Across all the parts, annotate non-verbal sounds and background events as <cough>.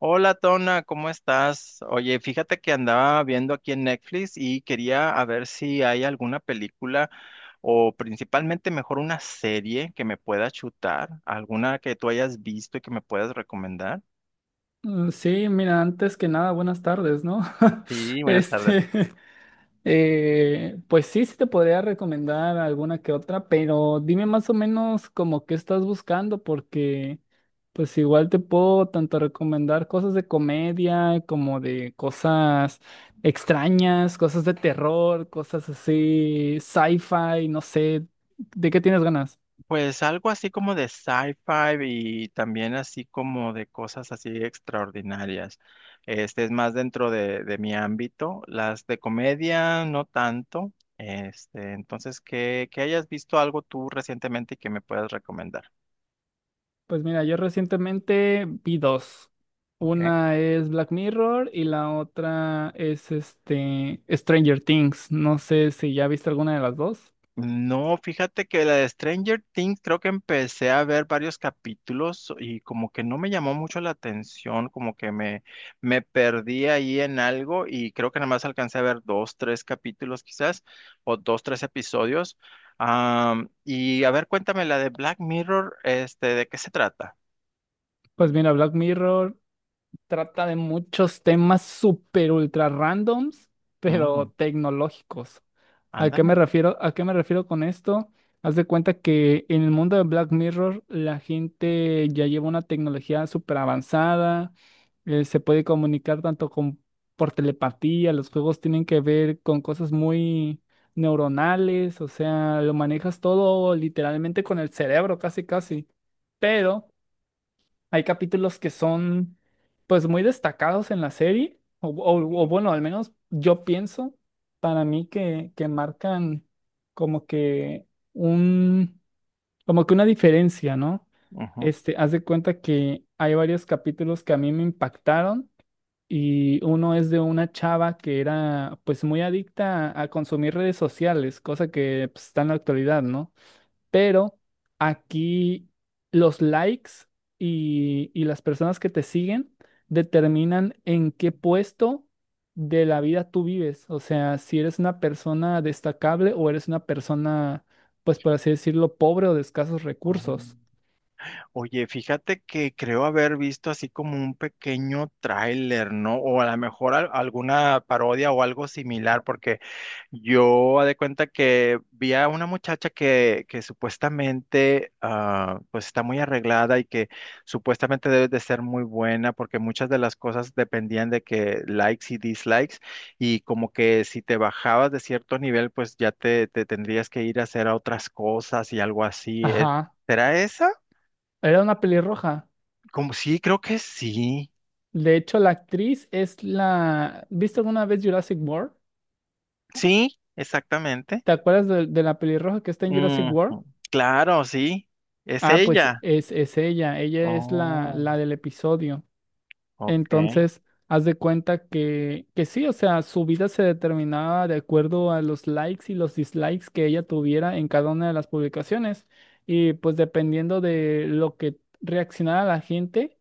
Hola Tona, ¿cómo estás? Oye, fíjate que andaba viendo aquí en Netflix y quería a ver si hay alguna película o principalmente mejor una serie que me pueda chutar, alguna que tú hayas visto y que me puedas recomendar. Sí, mira, antes que nada, buenas tardes, ¿no? <laughs> Sí, buenas tardes. Este, <laughs> pues sí te podría recomendar alguna que otra, pero dime más o menos como qué estás buscando, porque pues igual te puedo tanto recomendar cosas de comedia como de cosas extrañas, cosas de terror, cosas así, sci-fi, no sé, ¿de qué tienes ganas? Pues algo así como de sci-fi y también así como de cosas así extraordinarias. Este es más dentro de mi ámbito. Las de comedia no tanto. Este, entonces que hayas visto algo tú recientemente y que me puedas recomendar. Pues mira, yo recientemente vi dos. ¿Ok? Una es Black Mirror y la otra es este Stranger Things. No sé si ya viste alguna de las dos. No, fíjate que la de Stranger Things creo que empecé a ver varios capítulos y como que no me llamó mucho la atención, me perdí ahí en algo y creo que nada más alcancé a ver dos, tres capítulos quizás, o dos, tres episodios. Y a ver, cuéntame la de Black Mirror, este, ¿de qué se trata? Pues mira, Black Mirror trata de muchos temas súper ultra randoms, Mm, pero tecnológicos. ¿A qué me ándale. refiero? ¿A qué me refiero con esto? Haz de cuenta que en el mundo de Black Mirror la gente ya lleva una tecnología súper avanzada, se puede comunicar por telepatía, los juegos tienen que ver con cosas muy neuronales, o sea, lo manejas todo literalmente con el cerebro, casi, casi. Pero hay capítulos que son pues muy destacados en la serie, bueno, al menos yo pienso para mí que marcan como que un, como que una diferencia, ¿no? Ujú. Este, haz de cuenta que hay varios capítulos que a mí me impactaron y uno es de una chava que era pues muy adicta a consumir redes sociales, cosa que pues, está en la actualidad, ¿no? Pero aquí los likes y las personas que te siguen determinan en qué puesto de la vida tú vives. O sea, si eres una persona destacable o eres una persona, pues por así decirlo, pobre o de escasos Oh. recursos. Oye, fíjate que creo haber visto así como un pequeño tráiler, ¿no? O a lo mejor alguna parodia o algo similar, porque yo haz de cuenta que vi a una muchacha que supuestamente pues está muy arreglada y que supuestamente debe de ser muy buena, porque muchas de las cosas dependían de que likes y dislikes, y como que si te bajabas de cierto nivel, pues ya te tendrías que ir a hacer a otras cosas y algo así. ¿Eh? Ajá. ¿Será esa? Era una pelirroja. Como sí, creo que sí. De hecho, la actriz es la... ¿Viste alguna vez Jurassic World? Sí, exactamente. ¿Te acuerdas de la pelirroja que está en Jurassic World? Ujú, claro, sí. Es Ah, pues ella. Es ella. Ella es Oh, la del episodio. ok. Entonces, haz de cuenta que sí, o sea, su vida se determinaba de acuerdo a los likes y los dislikes que ella tuviera en cada una de las publicaciones. Y pues dependiendo de lo que reaccionara la gente,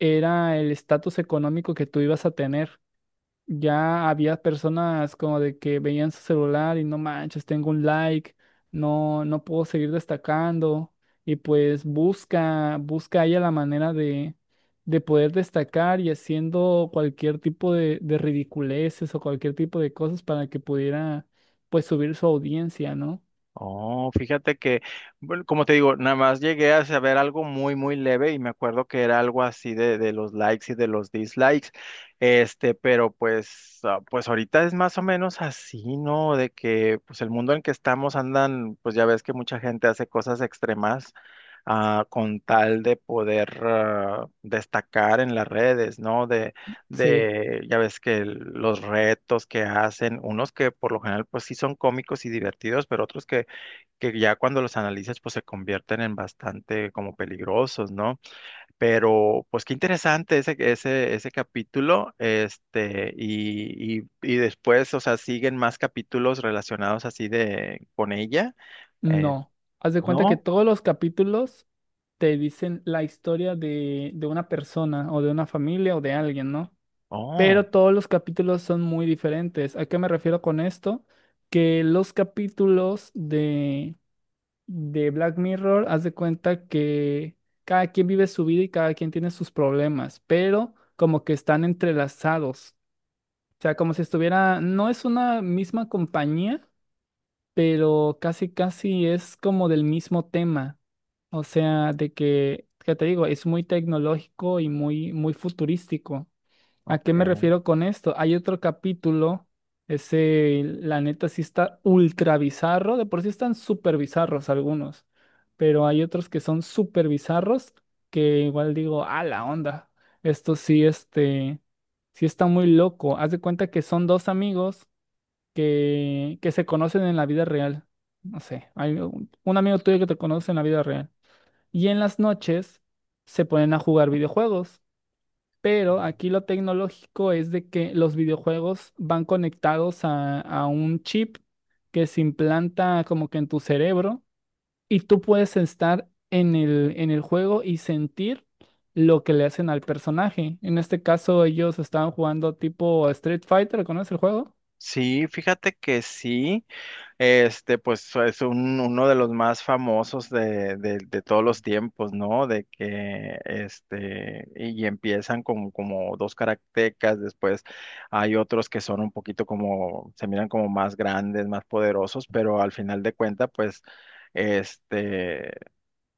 era el estatus económico que tú ibas a tener ya había personas como de que veían su celular y no manches, tengo un like, no puedo seguir destacando. Y pues busca ella la manera de poder destacar y haciendo cualquier tipo de ridiculeces o cualquier tipo de cosas para que pudiera pues subir su audiencia, ¿no? Oh, fíjate que, bueno, como te digo, nada más llegué a saber algo muy, muy leve y me acuerdo que era algo así de los likes y de los dislikes, este, pero pues, pues ahorita es más o menos así, ¿no? De que, pues el mundo en que estamos andan, pues ya ves que mucha gente hace cosas extremas, con tal de poder, destacar en las redes, ¿no? Sí, Ya ves que los retos que hacen, unos que por lo general, pues sí son cómicos y divertidos, pero otros que ya cuando los analizas pues se convierten en bastante como peligrosos, ¿no? Pero pues qué interesante ese ese capítulo, este, y después, o sea, siguen más capítulos relacionados así de con ella, eh, no. Haz de cuenta que ¿no? todos los capítulos te dicen la historia de una persona o de una familia o de alguien, ¿no? Oh, Pero todos los capítulos son muy diferentes. ¿A qué me refiero con esto? Que los capítulos de Black Mirror, haz de cuenta que cada quien vive su vida y cada quien tiene sus problemas, pero como que están entrelazados. O sea, como si estuviera, no es una misma compañía, pero casi casi es como del mismo tema. O sea, de que, ¿qué te digo? Es muy tecnológico y muy, muy futurístico. ¿A qué me ok. refiero con esto? Hay otro capítulo, ese, la neta sí está ultra bizarro, de por sí están súper bizarros algunos, pero hay otros que son súper bizarros que igual digo, a la onda, esto sí, sí está muy loco. Haz de cuenta que son dos amigos que se conocen en la vida real. No sé, hay un amigo tuyo que te conoce en la vida real. Y en las noches se ponen a jugar videojuegos pero aquí lo tecnológico es de que los videojuegos van conectados a un chip que se implanta como que en tu cerebro y tú puedes estar en el juego y sentir lo que le hacen al personaje. En este caso ellos estaban jugando tipo Street Fighter, ¿conoces el juego? Sí, fíjate que sí. Este, pues es uno de los más famosos de todos los tiempos, ¿no? De que, este, y empiezan con como dos karatecas, después hay otros que son un poquito como, se miran como más grandes, más poderosos, pero al final de cuenta, pues, este,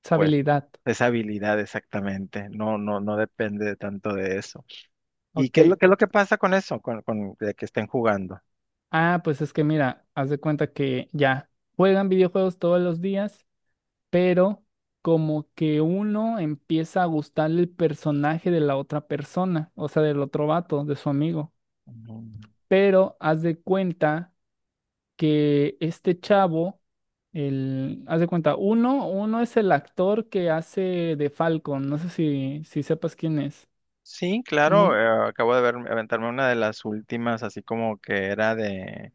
Esa pues, habilidad. esa habilidad exactamente, no, no, no depende tanto de eso. ¿Y Ok, qué es qué es lo que pasa con eso, con de que estén jugando? ah, pues es que mira, haz de cuenta que ya juegan videojuegos todos los días pero como que uno empieza a gustarle el personaje de la otra persona, o sea, del otro vato, de su amigo. Pero haz de cuenta que este chavo, el, haz de cuenta, uno, uno es el actor que hace de Falcon, no sé si sepas quién es. Sí, claro, Uno, acabo de ver, aventarme una de las últimas, así como que era de,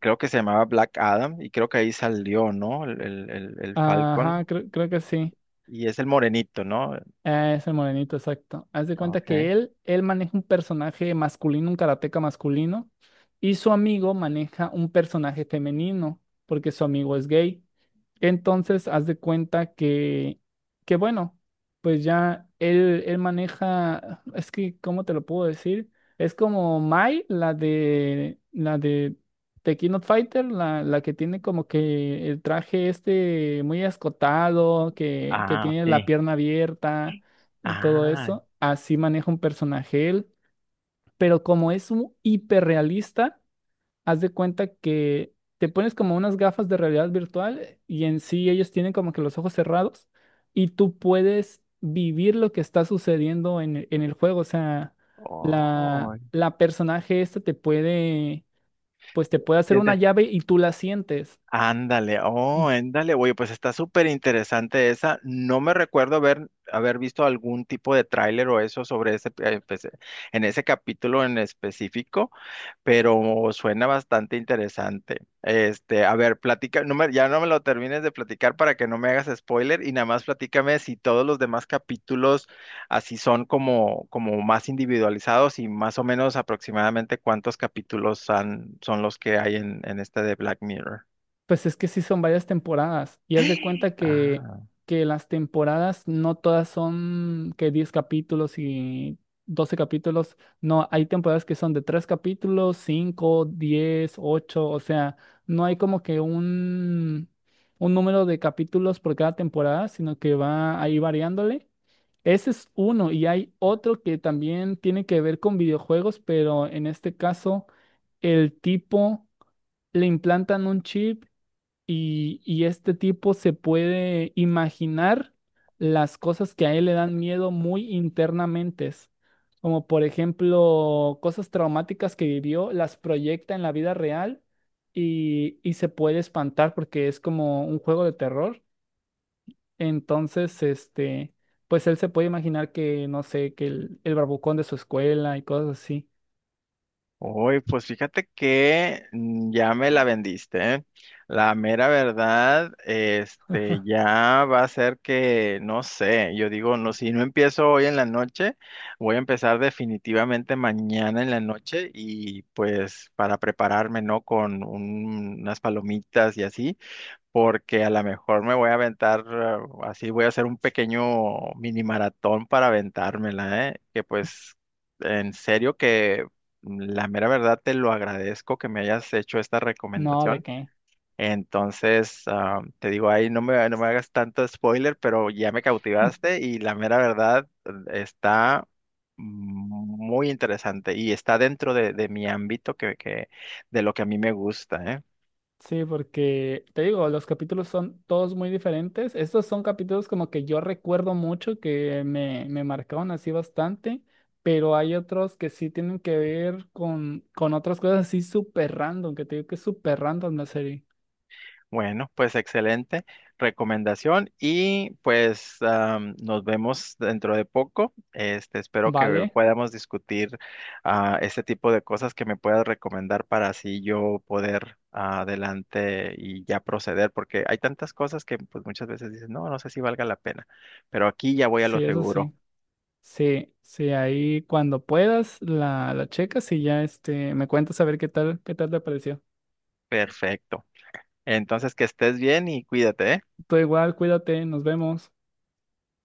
creo que se llamaba Black Adam, y creo que ahí salió, ¿no? El Falcon, ajá, creo que sí. y es el morenito, ¿no? Ah, es el morenito, exacto. Haz de cuenta Ok. que él maneja un personaje masculino, un karateca masculino, y su amigo maneja un personaje femenino, porque su amigo es gay. Entonces, haz de cuenta que bueno, pues ya él maneja, es que, ¿cómo te lo puedo decir? Es como Mai, la de The King of Fighter, la que tiene como que el traje este muy escotado, que Ah, tiene la sí. pierna abierta y todo Ah, eso. Así maneja un personaje él, pero como es un hiperrealista haz de cuenta que te pones como unas gafas de realidad virtual y en sí ellos tienen como que los ojos cerrados y tú puedes vivir lo que está sucediendo en el juego. O sea, oh, la personaje esta te puede, pues te puede hacer una sientes, llave y tú la sientes. ándale, Y oh, s- ándale, oye, pues está súper interesante esa. No me recuerdo haber, haber visto algún tipo de tráiler o eso sobre ese, pues, en ese capítulo en específico. Pero suena bastante interesante. Este, a ver, platica, ya no me lo termines de platicar para que no me hagas spoiler y nada más platícame si todos los demás capítulos así son como, como más individualizados y más o menos aproximadamente cuántos capítulos son los que hay en este de Black Mirror. Pues es que sí son varias temporadas y haz de cuenta que las temporadas no todas son que 10 capítulos y 12 capítulos, no, hay temporadas que son de 3 capítulos, 5 10 8 o sea, no hay como que un número de capítulos por cada temporada, sino que va ahí variándole. Ese es uno y hay otro que también tiene que ver con videojuegos, pero en este caso el tipo le implantan un chip y este tipo se puede imaginar las cosas que a él le dan miedo muy internamente, como por ejemplo cosas traumáticas que vivió, las proyecta en la vida real y se puede espantar porque es como un juego de terror. Entonces, este, pues él se puede imaginar que, no sé, que el barbucón de su escuela y cosas así. Uy, pues fíjate que mm, ya me la vendiste, ¿eh? La mera verdad, este, ya va a ser que, no sé, yo digo, no, si no empiezo hoy en la noche, voy a empezar definitivamente mañana en la noche y pues para prepararme, ¿no? Con unas palomitas y así porque a lo mejor me voy a aventar, así voy a hacer un pequeño mini maratón para aventármela, ¿eh? Que pues, en serio que mm, la mera verdad te lo agradezco que me hayas hecho esta No, ¿de recomendación. qué? Entonces, te digo, ahí no me hagas tanto spoiler, pero ya me cautivaste y la mera verdad está muy interesante y está dentro de mi ámbito de lo que a mí me gusta, ¿eh? Sí, porque te digo, los capítulos son todos muy diferentes. Estos son capítulos como que yo recuerdo mucho, que me marcaron así bastante, pero hay otros que sí tienen que ver con otras cosas así súper random, que te digo que es súper random la serie. Bueno, pues excelente recomendación y pues am, nos vemos dentro de poco. Este, espero que ¿Vale? podamos discutir este tipo de cosas que me puedas recomendar para así yo poder adelante y ya proceder, porque hay tantas cosas que pues muchas veces dices, no, no sé si valga la pena, pero aquí ya voy a lo Sí, eso seguro. sí. Sí, sí, ahí cuando puedas la checas y ya este, me cuentas a ver qué tal te pareció. Perfecto. Entonces, que estés bien y cuídate, ¿eh? Tú igual, cuídate, nos vemos.